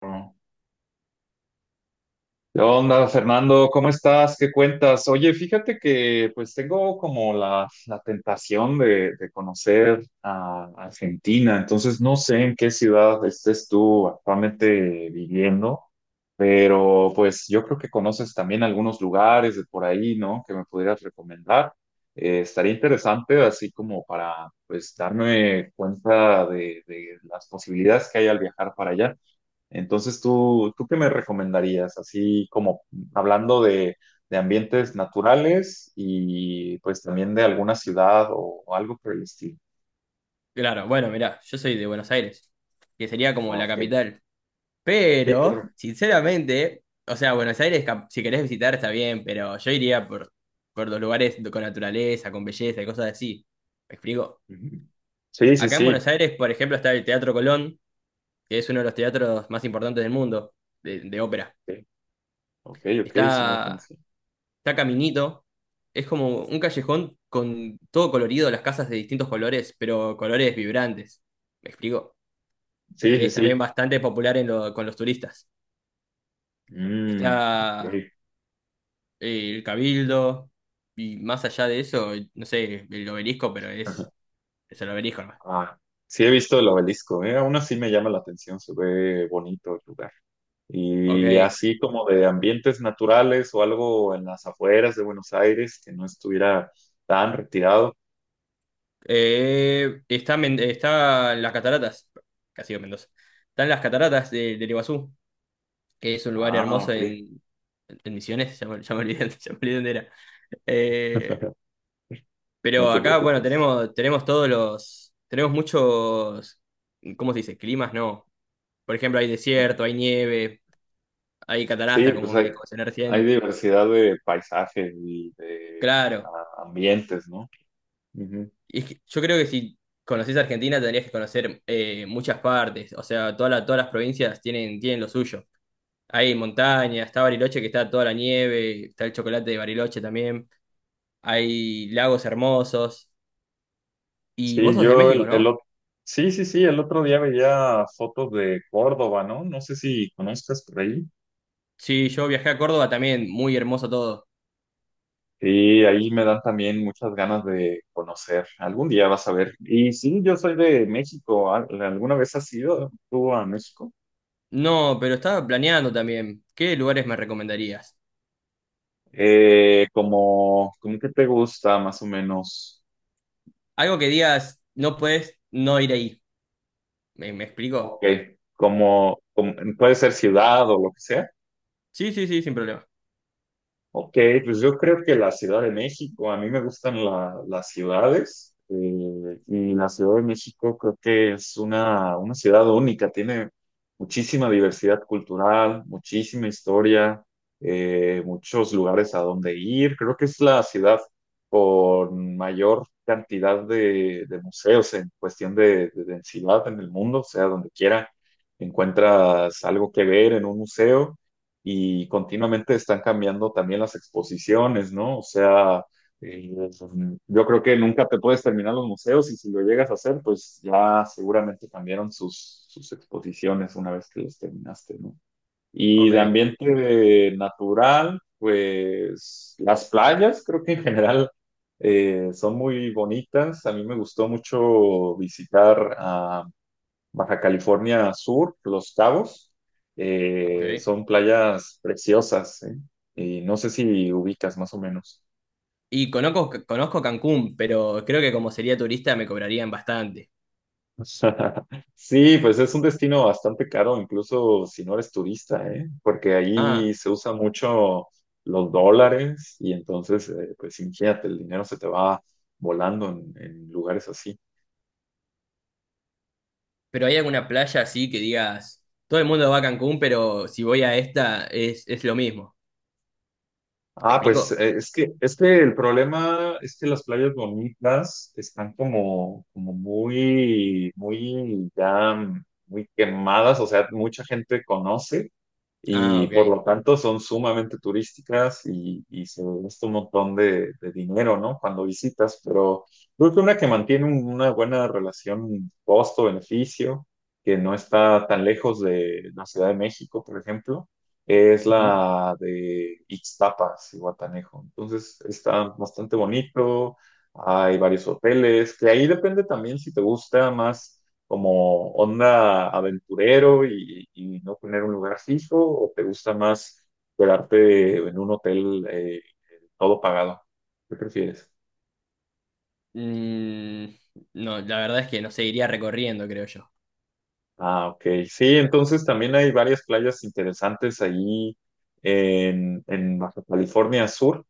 ¿Qué onda, Fernando? ¿Cómo estás? ¿Qué cuentas? Oye, fíjate que pues tengo como la tentación de conocer a Argentina, entonces no sé en qué ciudad estés tú actualmente viviendo, pero pues yo creo que conoces también algunos lugares de por ahí, ¿no? Que me pudieras recomendar. Estaría interesante así como para pues darme cuenta de las posibilidades que hay al viajar para allá. Entonces, ¿tú qué me recomendarías? Así como hablando de ambientes naturales y pues también de alguna ciudad o algo por el estilo. Claro, bueno, mirá, yo soy de Buenos Aires, que sería como Ah, la ok. capital. Sí, Pero, claro. sinceramente, o sea, Buenos Aires, si querés visitar, está bien, pero yo iría por los lugares con naturaleza, con belleza y cosas así. ¿Me explico? Ujú. Sí, sí, Acá en sí. Buenos Aires, por ejemplo, está el Teatro Colón, que es uno de los teatros más importantes del mundo, de ópera. Ok, ok, ok, eso no lo Está, conocí. está Caminito, es como un callejón con todo colorido, las casas de distintos colores, pero colores vibrantes. ¿Me explico? Sí, Que sí, es sí. también bastante popular en con los turistas. Mm, Está ok. El Cabildo, y más allá de eso, no sé, el obelisco, pero es el obelisco nomás. Ah, sí he visto el obelisco, aún así me llama la atención, se ve bonito el lugar. Y Ok. así como de ambientes naturales o algo en las afueras de Buenos Aires que no estuviera tan retirado. Está las cataratas, casi digo Mendoza. Están las cataratas del Iguazú, que es un lugar Ah, hermoso ok. En Misiones, ya me olvidé, ya me olvidé dónde era. Eh, No pero te acá, bueno, preocupes. Tenemos todos tenemos muchos, ¿cómo se dice? Climas, no. Por ejemplo, hay desierto, hay nieve, hay Sí, catarata, como me mencioné hay recién. diversidad de paisajes y de Claro. Ambientes, ¿no? Ujú. Y es que yo creo que si conocés Argentina tendrías que conocer muchas partes. O sea, todas las provincias tienen, tienen lo suyo. Hay montañas, está Bariloche que está toda la nieve, está el chocolate de Bariloche también. Hay lagos hermosos. Y vos Sí, sos de yo México, el ¿no? ot- Sí, sí, sí, el otro día veía fotos de Córdoba, ¿no? No sé si conozcas por ahí. Sí, yo viajé a Córdoba también, muy hermoso todo. Y ahí me dan también muchas ganas de conocer. Algún día vas a ver. Y sí, yo soy de México. ¿Alguna vez has ido tú a México? No, pero estaba planeando también. ¿Qué lugares me recomendarías? ¿Como que te gusta más o menos? Algo que digas, no puedes no ir ahí. ¿Me explico? Ok, como puede ser ciudad o lo que sea. Sí, sí, sí, sin problema. Ok, pues yo creo que la Ciudad de México, a mí me gustan las ciudades, y la Ciudad de México creo que es una ciudad única, tiene muchísima diversidad cultural, muchísima historia, muchos lugares a donde ir. Creo que es la ciudad con mayor cantidad de museos en cuestión de densidad en el mundo, o sea, donde quiera encuentras algo que ver en un museo y continuamente están cambiando también las exposiciones, ¿no? O sea, eh, yo creo que nunca te puedes terminar los museos y si lo llegas a hacer, pues ya seguramente cambiaron sus exposiciones una vez que los terminaste, ¿no? Y Ok, de ambiente natural, pues las playas creo que en general son muy bonitas. A mí me gustó mucho visitar Baja California Sur, Los Cabos, ok. Son playas preciosas, ¿eh? Y no sé si ubicas más o menos. Y conozco Cancún, pero creo que como sería turista me cobrarían bastante. Sí, pues es un destino bastante caro, incluso si no eres turista, ¿eh? Porque Ah, ahí se usa mucho los dólares y entonces, pues imagínate, el dinero se te va volando en lugares así. pero ¿hay alguna playa así que digas, todo el mundo va a Cancún, pero si voy a esta es lo mismo? ¿Me Ah, pues explico? Es que el problema es que las playas bonitas están como, como muy, muy ya, muy quemadas, o sea, mucha gente conoce Ah, y ok. por lo tanto son sumamente turísticas y se gasta un montón de dinero, ¿no? Cuando visitas, pero creo que una que mantiene una buena relación costo-beneficio, que no está tan lejos de la Ciudad de México, por ejemplo, es Ujú. la de Ixtapa y Guatanejo. Entonces está bastante bonito, hay varios hoteles, que ahí depende también si te gusta más como onda aventurero y no tener un lugar fijo. ¿O te gusta más quedarte en un hotel todo pagado? ¿Qué prefieres? Mm, no, la verdad es que no seguiría recorriendo, creo yo. Ah, ok. Sí, entonces también hay varias playas interesantes ahí en Baja California Sur.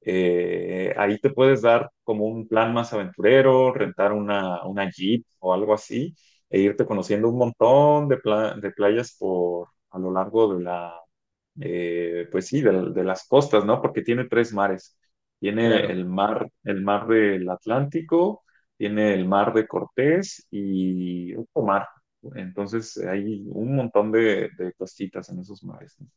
Ahí te puedes dar como un plan más aventurero, rentar una Jeep o algo así, e irte conociendo un montón de, de playas por a lo largo de la, pues sí, de las costas, ¿no? Porque tiene tres mares. Tiene Claro. El mar del Atlántico, tiene el mar de Cortés y otro mar. Entonces hay un montón de costitas en esos mares, ¿no?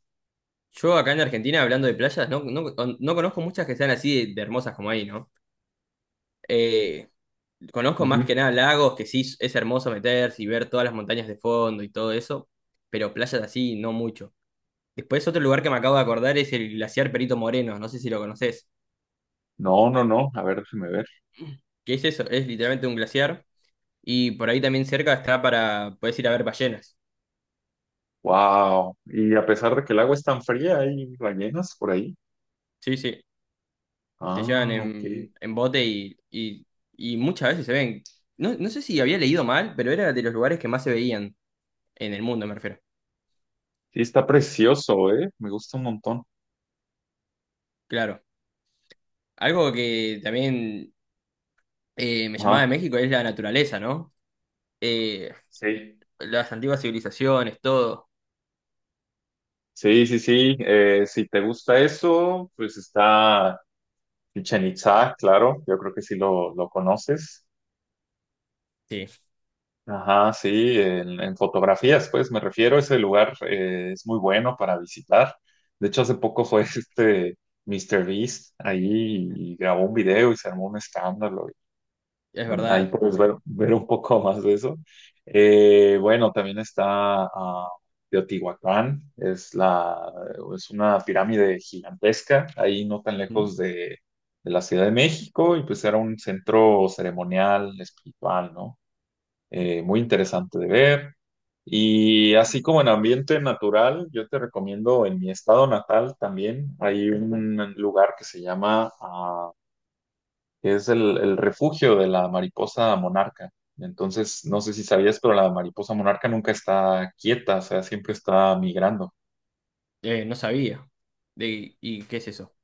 Yo acá en Argentina, hablando de playas, no conozco muchas que sean así de hermosas como ahí, ¿no? Eh, conozco Ujú. más que nada lagos, que sí es hermoso meterse y ver todas las montañas de fondo y todo eso, pero playas así no mucho. Después otro lugar que me acabo de acordar es el glaciar Perito Moreno, no sé si lo conoces. No, no, no. A ver, déjeme ver. ¿Qué es eso? Es literalmente un glaciar y por ahí también cerca está para, puedes ir a ver ballenas. Wow. Y a pesar de que el agua es tan fría, hay ballenas por ahí. Sí, sí, te llevan Ah, ok. Sí, en bote y muchas veces se ven. No, no sé si había leído mal, pero era de los lugares que más se veían en el mundo, me refiero. está precioso, ¿eh? Me gusta un montón. Claro. Algo que también me llamaba Ajá. de México es la naturaleza, ¿no? Eh, Sí. las antiguas civilizaciones, todo. Sí, sí, sí. Si te gusta eso, pues está Chichen Itzá, claro. Yo creo que sí lo conoces. Sí, Ajá, sí. En fotografías, pues me refiero. Ese lugar, es muy bueno para visitar. De hecho, hace poco fue este Mr. Beast ahí y grabó un video y se armó un escándalo. es Donde ahí verdad. puedes ver, ver un poco más de eso. Bueno, también está ah, Teotihuacán, es una pirámide gigantesca, ahí no tan ¿Mm? lejos de la Ciudad de México, y pues era un centro ceremonial, espiritual, ¿no? Muy interesante de ver. Y así como en ambiente natural, yo te recomiendo en mi estado natal también, hay un lugar que se llama que es el refugio de la mariposa monarca. Entonces, no sé si sabías, pero la mariposa monarca nunca está quieta, o sea, siempre está migrando. No sabía. De, ¿y qué es eso?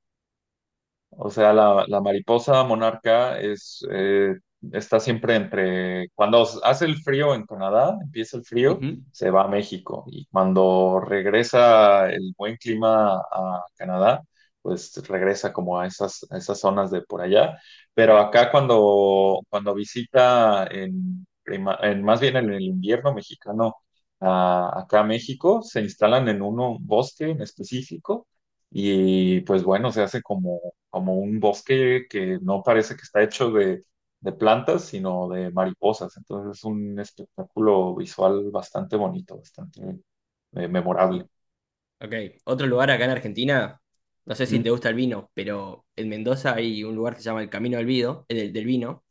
O sea, la mariposa monarca es, está siempre entre, cuando hace el frío en Canadá, empieza el frío, Ujú. se va a México y cuando regresa el buen clima a Canadá, pues regresa como a esas zonas de por allá. Pero acá cuando visita en, en más bien en el invierno mexicano, acá a México, se instalan en un bosque en específico. Y pues bueno, se hace como un bosque que no parece que está hecho de plantas, sino de mariposas. Entonces es un espectáculo visual bastante bonito, bastante memorable. Ok, otro lugar acá en Argentina, no sé si Ujú. te gusta el vino, pero en Mendoza hay un lugar que se llama el Camino del Vido, del vino,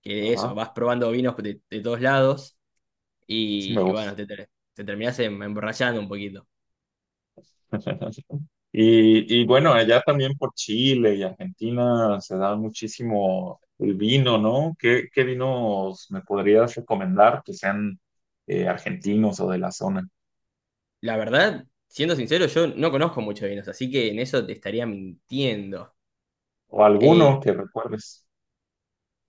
que de eso, Ajá, vas probando vinos de todos lados eso me y gusta. bueno, te terminás emborrachando un poquito. Y, y bueno, allá también por Chile y Argentina se da muchísimo el vino, ¿no? ¿Qué vinos me podrías recomendar que sean argentinos o de la zona? La verdad, siendo sincero, yo no conozco mucho de vinos, así que en eso te estaría mintiendo. O Eh, alguno que recuerdes.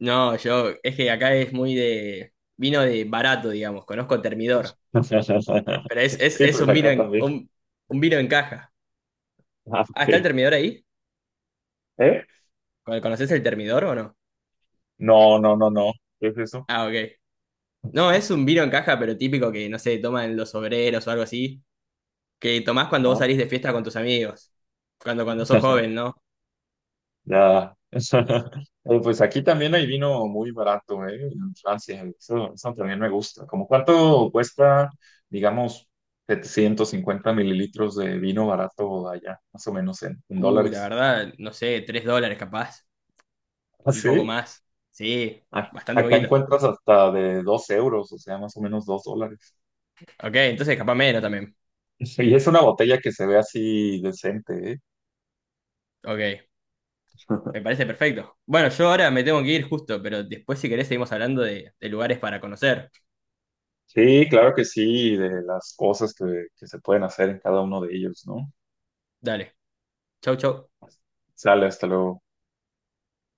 No, yo, es que acá es muy de vino de barato, digamos, conozco Termidor, pero Sí, es pues un vino acá también. Un vino en caja. Ah, Ah, ¿está el ok. Termidor ahí? ¿Eh? ¿Conoces el Termidor o no? No, no, no, no. ¿Qué es eso? Ah, ok. No, es un vino en caja, pero típico que, no sé, toman los obreros o algo así, que tomás cuando vos Ajá. salís de fiesta con tus amigos, cuando sos joven, ¿no? Ya. Pues aquí también hay vino muy barato, ¿eh? En Francia. Eso también me gusta. ¿Cómo cuánto cuesta, digamos, 750 ml de vino barato allá? Más o menos en Uy, la dólares. verdad, no sé, $3 capaz, ¿Ah, un poco sí? más. Sí, bastante Acá poquito. encuentras hasta de 2 euros, o sea, más o menos 2 dólares. Ok, entonces capaz menos Y también. y es una botella que se ve así decente, ¿eh? Ok. Me parece perfecto. Bueno, yo ahora me tengo que ir justo, pero después si querés seguimos hablando de lugares para conocer. Sí, claro que sí, de las cosas que se pueden hacer en cada uno de ellos, ¿no? Dale. Chau, chau. Sale, hasta luego.